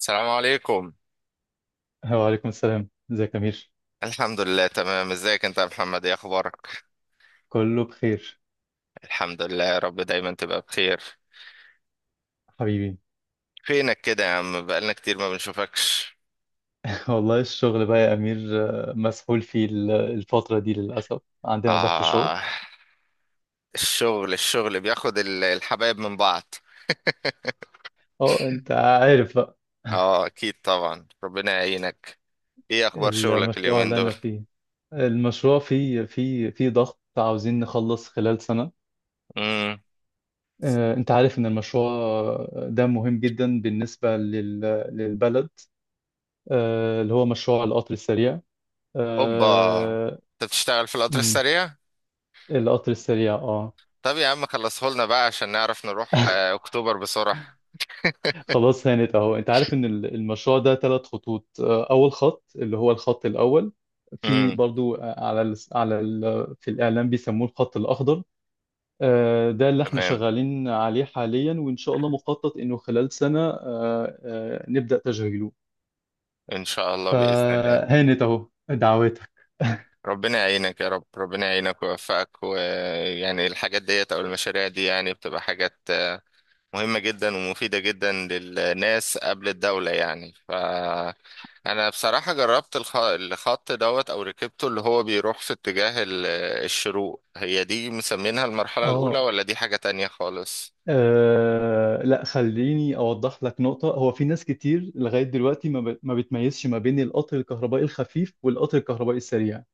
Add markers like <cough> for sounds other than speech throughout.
السلام عليكم. وعليكم السلام، ازيك يا أمير؟ الحمد لله تمام، ازيك انت يا محمد؟ ايه اخبارك؟ كله بخير الحمد لله يا رب، دايما تبقى بخير. حبيبي. فينك كده يا عم؟ بقالنا كتير ما بنشوفكش. <laughs> والله الشغل بقى يا أمير. مسحول فيه الفترة دي، للأسف عندنا ضغط شغل. اه، الشغل بياخد الحبايب من بعض. اه، انت عارف بقى. اه <laughs> اكيد طبعا، ربنا يعينك. ايه اخبار شغلك المشروع اليومين اللي أنا دول؟ فيه، المشروع فيه ضغط، عاوزين نخلص خلال سنة. امم انت عارف ان المشروع ده مهم جدا بالنسبة للبلد، اللي هو مشروع القطر السريع. اوبا، آه، انت بتشتغل في القطر مم، السريع؟ القطر السريع، اه. طب يا عم، خلصه لنا بقى عشان نعرف نروح <laughs> اكتوبر بسرعة. <laughs> خلاص، هانت اهو. انت عارف ان المشروع ده ثلاث خطوط. اول خط اللي هو الخط الاول، في امم. برضو آه، على ال على ال في الاعلام بيسموه الخط الاخضر. ده اللي احنا تمام، شغالين عليه حاليا، وان شاء الله مخطط انه خلال سنة نبدأ تشغيله. ان شاء الله باذن الله. فهانت اهو، دعواتك. ربنا يعينك يا رب، ربنا يعينك ويوفقك، ويعني الحاجات ديت او المشاريع دي يعني بتبقى حاجات مهمة جدا ومفيدة جدا للناس قبل الدولة يعني ف انا بصراحة جربت الخط دوت، او ركبته اللي هو بيروح في اتجاه الشروق. هي دي مسمينها المرحلة الاولى، اه. ولا دي حاجة تانية خالص؟ لا، خليني اوضح لك نقطة. هو في ناس كتير لغاية دلوقتي ما بتميزش ما بين القطر الكهربائي الخفيف والقطر الكهربائي السريع.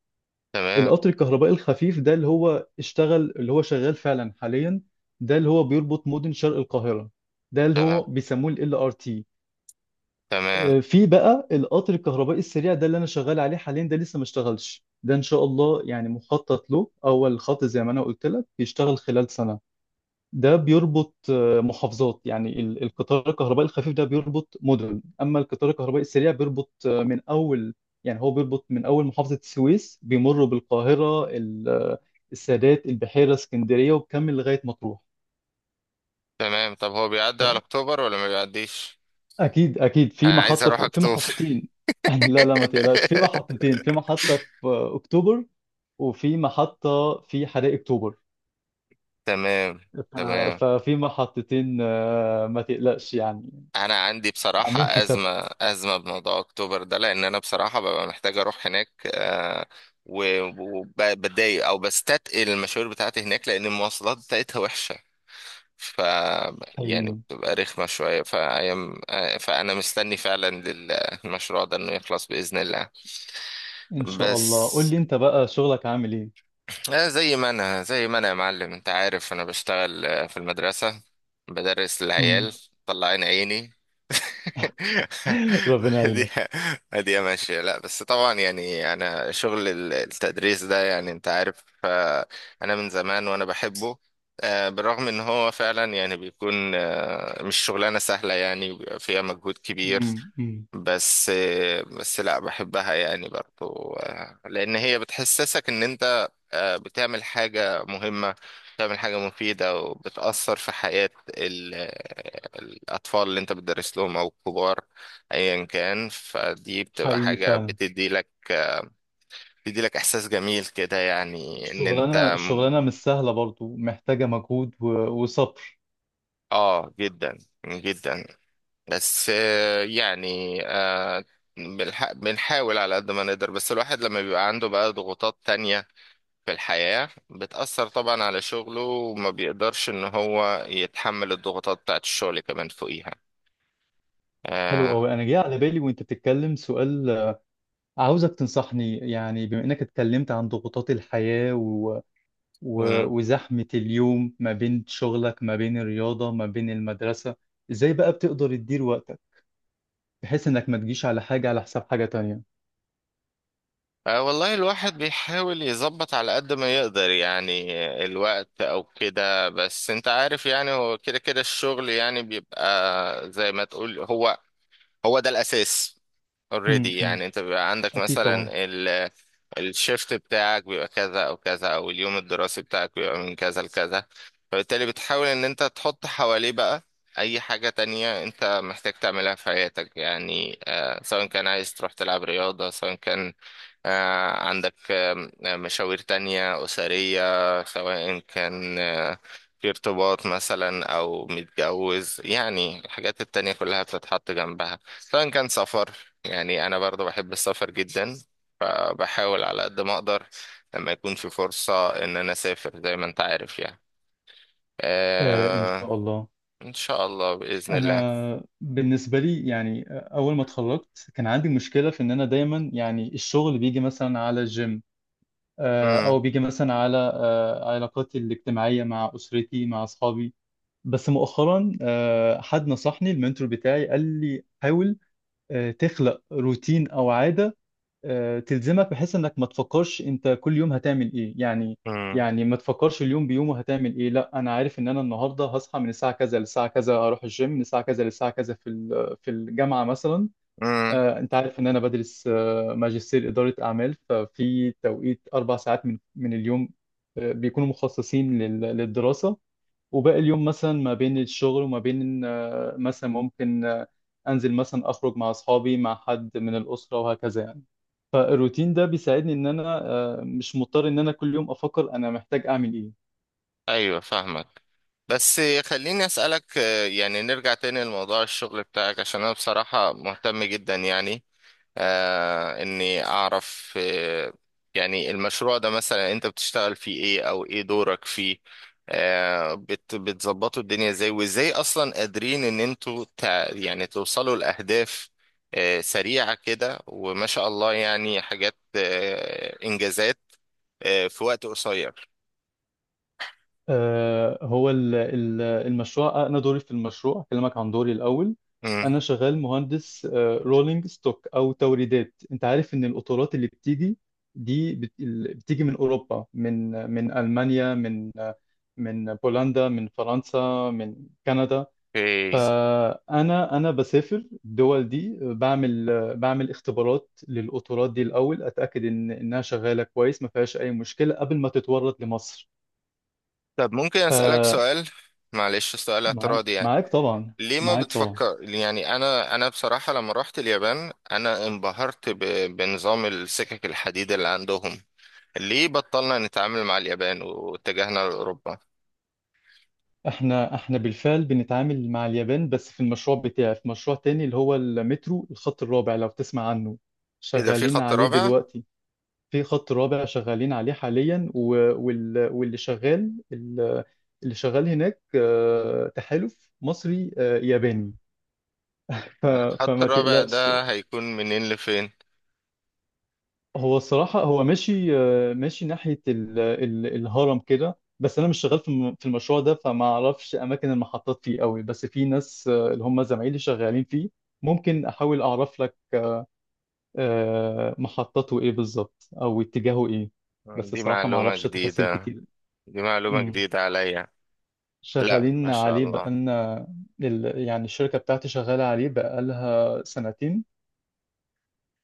تمام، القطر الكهربائي الخفيف ده اللي هو اشتغل، اللي هو شغال فعلا حاليا، ده اللي هو بيربط مدن شرق القاهرة، ده اللي هو تمام، بيسموه ال LRT. تمام، في بقى القطر الكهربائي السريع، ده اللي انا شغال عليه حاليا، ده لسه ما اشتغلش. ده ان شاء الله يعني مخطط له اول خط زي ما انا قلت لك يشتغل خلال سنة. ده بيربط محافظات. يعني القطار الكهربائي الخفيف ده بيربط مدن، اما القطار الكهربائي السريع بيربط من اول، يعني هو بيربط من اول محافظة السويس، بيمر بالقاهرة السادات، البحيرة، اسكندرية، وبكمل لغاية مطروح. تمام. طب هو بيعدي على ف- اكتوبر ولا ما بيعديش؟ اكيد اكيد، في انا عايز محطة، اروح في اكتوبر. محطتين. <laughs> لا لا ما تقلقش، في <laughs> محطتين. في محطة في اكتوبر، وفي محطة في حدائق اكتوبر. تمام. ف- تمام. ففي محطتين ما تقلقش يعني. انا عندي بصراحة عاملين حسابكم. ازمة، ازمة بموضوع اكتوبر ده، لان انا بصراحة ببقى محتاج اروح هناك. آه، و- وبتضايق او بستثقل المشاوير بتاعتي هناك، لان المواصلات بتاعتها وحشة. ف يعني حقيقي. بتبقى رخمة شوية فأيام. فأنا مستني فعلا للمشروع ده إنه يخلص بإذن الله. ان شاء الله. قول بس لي انت بقى، شغلك عامل ايه؟ لا، زي ما انا يا معلم، انت عارف انا بشتغل في المدرسة. بدرس امم. العيال. طلعين عيني. <laughs> ربنا <laughs> دي، يعينك. دي ماشية. لا بس طبعا يعني انا شغل التدريس ده يعني انت عارف. انا من زمان وانا بحبه. بالرغم ان هو فعلا يعني بيكون مش شغلانة سهلة، يعني بيبقى فيها مجهود كبير. امم. امم. بس. بس لا بحبها يعني برضو، لأن هي بتحسسك إن أنت بتعمل حاجة مهمة. بتعمل حاجة مفيدة، وبتأثر في حياة ال- الأطفال اللي أنت بتدرس لهم أو الكبار، أيا كان. فدي بتبقى حقيقي حاجة فعلا. بتدي لك، بتدي لك إحساس جميل كده، يعني إن أنت شغلانه، شغلانه مش سهله، برضو محتاجه مجهود وصبر. آه جدا. جدا. بس يعني بنحاول على قد ما نقدر. بس الواحد لما بيبقى عنده بقى ضغوطات تانية في الحياة بتأثر طبعا على شغله، وما بيقدرش ان هو يتحمل الضغوطات بتاعت الشغل كمان فوقيها. حلو آه. قوي، انا جاي على بالي وانت بتتكلم سؤال. عاوزك تنصحني، يعني بما انك اتكلمت عن ضغوطات الحياه مم. وزحمه اليوم، ما بين شغلك، ما بين الرياضه، ما بين المدرسه، ازاي بقى بتقدر تدير وقتك بحيث انك ما تجيش على حاجه على حساب حاجه تانية؟ آه والله، الواحد بيحاول يظبط على قد ما يقدر، يعني الوقت او كده. بس انت عارف، يعني هو كده كده الشغل يعني بيبقى زي ما تقول هو، هو ده الأساس. already امم. امم. يعني انت بيبقى عندك اكيد طبعا. مثلا الشيفت بتاعك بيبقى كذا او كذا، او اليوم الدراسي بتاعك بيبقى من كذا لكذا. فبالتالي بتحاول ان انت تحط حواليه بقى اي حاجة تانية انت محتاج تعملها في حياتك، يعني آه سواء كان عايز تروح تلعب رياضة، سواء كان آه عندك مشاوير تانية أسرية، سواء كان آه في ارتباط مثلا أو متجوز. يعني الحاجات التانية كلها بتتحط جنبها، سواء كان سفر. يعني أنا برضه بحب السفر جدا، فبحاول على قد ما أقدر لما يكون في فرصة إن أنا أسافر، زي ما أنت عارف يعني. آه، ان آه. شاء الله. إن شاء الله بإذن الله. انا بالنسبه لي، يعني اول ما اتخرجت كان عندي مشكله في ان انا دايما يعني الشغل بيجي مثلا على الجيم، مم. او بيجي مثلا على علاقاتي الاجتماعيه مع اسرتي، مع اصحابي. بس مؤخرا حد نصحني، المنتور بتاعي قال لي حاول تخلق روتين او عاده تلزمك، بحيث انك ما تفكرش انت كل يوم هتعمل ايه يعني. مم. يعني ما تفكرش اليوم بيومه هتعمل ايه، لا، انا عارف ان انا النهارده هصحى من الساعه كذا للساعه كذا، اروح الجيم من الساعه كذا للساعه كذا، في في الجامعه مثلا. مم. انت عارف ان انا بدرس ماجستير اداره اعمال، ففي توقيت 4 ساعات من اليوم بيكونوا مخصصين للدراسه. وباقي اليوم مثلا ما بين الشغل، وما بين مثلا ممكن انزل مثلا، اخرج مع اصحابي، مع حد من الاسره، وهكذا يعني. فالروتين ده بيساعدني ان انا مش مضطر ان انا كل يوم افكر انا محتاج اعمل ايه. أيوة فاهمك. بس خليني أسألك، يعني نرجع تاني لموضوع الشغل بتاعك، عشان أنا بصراحة مهتم جدا يعني آه اني اعرف آه. يعني المشروع ده مثلا انت بتشتغل فيه ايه؟ او ايه دورك فيه؟ آه بتظبطوا الدنيا ازاي؟ وازاي اصلا قادرين ان انتوا يعني توصلوا لاهداف آه سريعة كده، وما شاء الله يعني حاجات آه انجازات آه في وقت قصير؟ المشروع، انا دوري في المشروع، اكلمك عن دوري الاول. مم. انا شغال مهندس رولينج ستوك او توريدات. انت عارف ان القطارات اللي بتيجي دي بتيجي من اوروبا، من المانيا، من بولندا، من فرنسا، من كندا. اوكي. فانا، بسافر الدول دي، بعمل اختبارات للقطارات دي الاول، اتاكد ان انها شغاله كويس، ما فيهاش اي مشكله قبل ما تتورد لمصر. طب ممكن اسألك سؤال؟ معلش سؤال اعتراضي معاك يعني. معاك طبعا. ليه ما معاك طبعا. بتفكر، يعني انا بصراحه لما رحت اليابان انا انبهرت بنظام السكك الحديد اللي عندهم. ليه بطلنا نتعامل مع اليابان واتجهنا لاوروبا؟ احنا بالفعل بنتعامل مع اليابان، بس في المشروع بتاعي في مشروع تاني اللي هو المترو الخط الرابع، لو تسمع عنه. اذا في شغالين خط عليه رابع؟ دلوقتي. في خط رابع شغالين عليه حاليا، وال- واللي شغال ال- اللي شغال هناك تحالف مصري ياباني. ف- الخط فما الرابع تقلقش. ده هيكون منين لفين؟ هو الصراحة هو ماشي ماشي ناحية ال ال الهرم كده، بس أنا مش شغال في في المشروع ده، فما أعرفش أماكن المحطات فيه قوي، بس في ناس اللي هم زمايلي شغالين فيه. ممكن أحاول أعرف لك محطته إيه بالظبط أو اتجاهه إيه، بس دي الصراحة ما معلومه أعرفش تفاصيل جديده. كتير. دي معلومه مم. جديده عليا. لا ما شغالين شاء عليه الله. بقالنا. يعني الشركة بتاعتي شغالة عليه بقالها سنتين.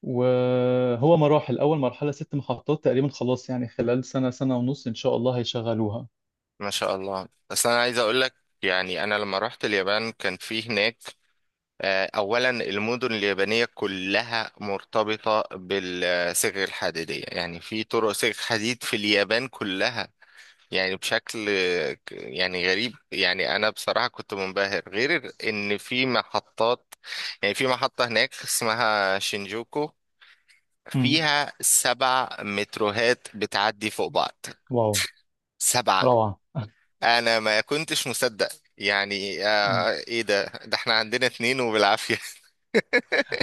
وهو مراحل، أول مرحلة ست محطات تقريبا خلاص، يعني خلال سنة سنة ونص إن شاء الله هيشغلوها. ما شاء الله، بس انا عايز اقول لك، يعني انا لما رحت اليابان كان في هناك أولا المدن اليابانية كلها مرتبطة بالصاغ الحديدية، يعني في طرق صاغ حديد في اليابان كلها. يعني بشكل يعني غريب، يعني أنا بصراحة كنت منبهر. غير إن في محطات، يعني في محطة هناك اسمها شينجوكو مم. فيها سبع متروهات بتعدي فوق بعض. واو. 7. روعة. أنا ما كنتش مصدق. يعني مم. آه إيه ده؟ إحنا عندنا 2 وبالعافية.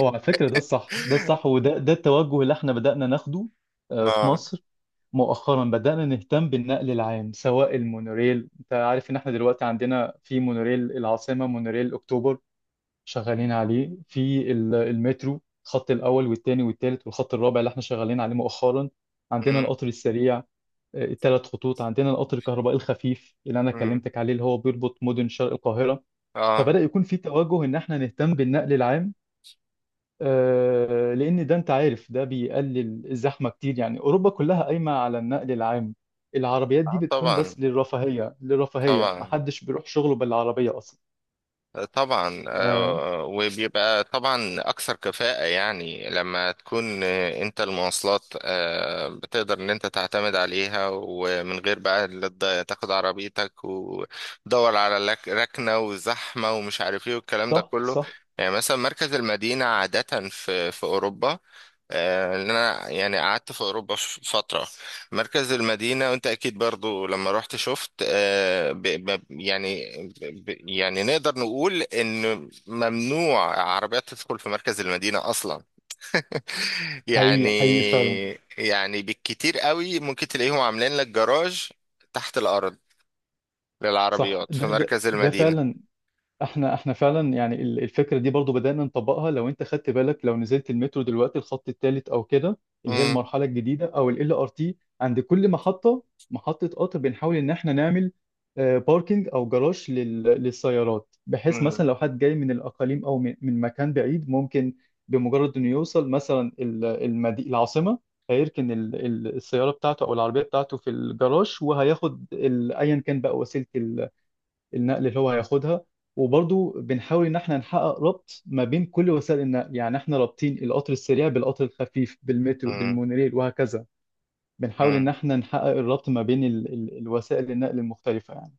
هو على فكرة ده الصح، ده الصح، وده التوجه اللي احنا بدأنا ناخده <laughs> في آه. مصر مؤخرا. بدأنا نهتم بالنقل العام سواء المونوريل. انت عارف ان احنا دلوقتي عندنا في مونوريل العاصمة، مونوريل اكتوبر. شغالين عليه في المترو الخط الاول والثاني والثالث، والخط الرابع اللي احنا شغالين عليه مؤخرا. عندنا القطر السريع الثلاث خطوط، عندنا القطر الكهربائي الخفيف اللي انا مم. كلمتك عليه، اللي هو بيربط مدن شرق القاهره. اه، فبدا يكون في توجه ان احنا نهتم بالنقل العام لان ده انت عارف ده بيقلل الزحمه كتير. يعني اوروبا كلها قايمه على النقل العام، العربيات دي اه، بتكون طبعا. بس للرفاهيه، للرفاهيه، طبعا. محدش بيروح شغله بالعربيه اصلا. طبعا. آه، آه وبيبقى طبعا اكثر كفاءة، يعني لما تكون انت المواصلات آه بتقدر ان انت تعتمد عليها، ومن غير بقى لا تاخد عربيتك وتدور على ركنة وزحمة ومش عارف ايه والكلام ده صح كله. صح. يعني مثلا مركز المدينة عادة في اوروبا، لأن انا يعني قعدت في اوروبا فتره. مركز المدينة، وانت اكيد برضو لما رحت شفت. يعني يعني نقدر نقول ان ممنوع عربيات تدخل في مركز المدينة اصلا. <laughs> يعني، حقيقي حقيقي فعلا. يعني بالكتير قوي ممكن تلاقيهم عاملين لك جراج تحت الارض صح، للعربيات في ده ده مركز ده المدينة. فعلا. احنا فعلا، يعني الفكره دي برضو بدانا نطبقها. لو انت خدت بالك، لو نزلت المترو دلوقتي الخط الثالث او كده، اللي هي مم. المرحله الجديده او ال ار تي، عند كل محطه، محطه قطر، بنحاول ان احنا نعمل باركينج او جراج للسيارات. بحيث مثلا مم. لو حد جاي من الاقاليم او من مكان بعيد، ممكن بمجرد انه يوصل مثلا المدي العاصمه، هيركن السياره بتاعته او العربيه بتاعته في الجراج، وهياخد ايا كان بقى وسيله النقل اللي هو هياخدها. وبرضه بنحاول ان احنا نحقق ربط ما بين كل وسائل النقل، يعني احنا رابطين القطر السريع بالقطر الخفيف بالمترو مم. بالمونوريل وهكذا. بنحاول ان مم. احنا نحقق الربط ما بين ال ال الوسائل النقل المختلفة يعني.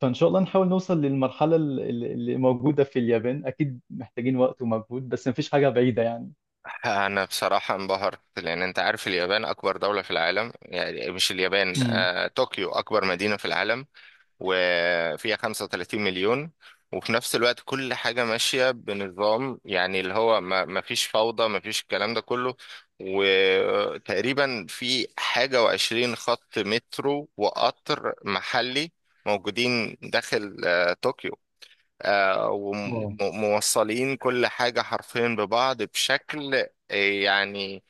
فان شاء الله نحاول نوصل للمرحلة اللي موجودة في اليابان. اكيد محتاجين وقت ومجهود، بس مفيش حاجة بعيدة يعني. انا بصراحة انبهرت، لان انت عارف اليابان اكبر دولة في العالم، يعني مش اليابان، امم. طوكيو اكبر مدينة في العالم، وفيها 35 مليون. وفي نفس الوقت كل حاجة ماشية بنظام، يعني اللي هو ما فيش فوضى، ما فيش الكلام ده كله. وتقريبا في حاجة وعشرين خط مترو وقطر محلي موجودين داخل طوكيو، آه، اه. وموصلين كل حاجة حرفيا ببعض بشكل يعني.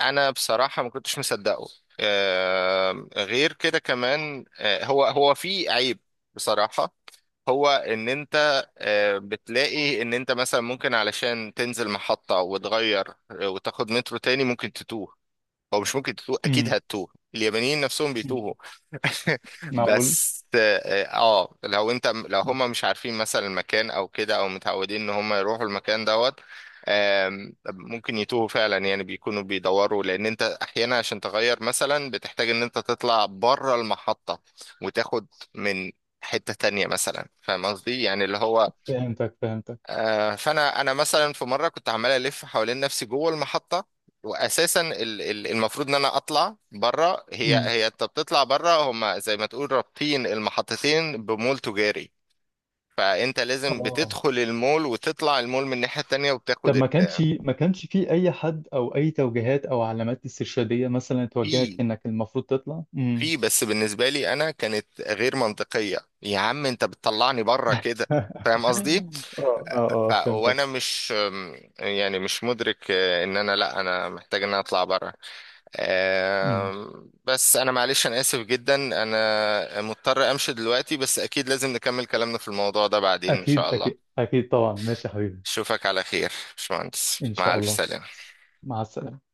انا بصراحه ما كنتش مصدقه. غير كده كمان، هو في عيب بصراحه. هو ان انت بتلاقي ان انت مثلا ممكن علشان تنزل محطه وتغير وتاخد مترو تاني ممكن تتوه. هو مش ممكن تتوه، اكيد امم. هتتوه، اليابانيين نفسهم أمم. بيتوهوا. <laughs> معقول. بس اه، لو مم. هم مش عارفين مثلا المكان او كده، او متعودين ان هم يروحوا المكان دوت. ممكن يتوهوا فعلا، يعني بيكونوا بيدوروا، لان انت احيانا عشان تغير مثلا بتحتاج ان انت تطلع بره المحطة وتاخد من حتة تانية مثلا. فاهم قصدي يعني، اللي هو فهمتك فهمتك. فانا مثلا في مره كنت عمال الف حوالين نفسي جوه المحطه، واساسا المفروض ان انا اطلع بره. هي امم. هي انت بتطلع بره، هما زي ما تقول رابطين المحطتين بمول تجاري، فانت لازم اه، بتدخل المول وتطلع المول من الناحيه التانيه طب وبتاخد ما كانش في اي حد او اي توجيهات او علامات استرشاديه مثلا توجهك في انك المفروض تطلع؟ امم. في بس بالنسبه لي انا كانت غير منطقيه، يا عم انت بتطلعني بره كده. <laughs> فاهم قصدي؟ اه اه. ف اه فهمتك. وانا مش، يعني مش مدرك ان انا، لا انا محتاج ان انا اطلع بره. امم. بس انا معلش انا اسف جدا، انا مضطر امشي دلوقتي، بس اكيد لازم نكمل كلامنا في الموضوع ده بعدين ان اكيد شاء الله. اكيد اكيد طبعا، ماشي يا حبيبي. اشوفك على خير باشمهندس، ان مع شاء الف الله. سلامة. مع السلامه.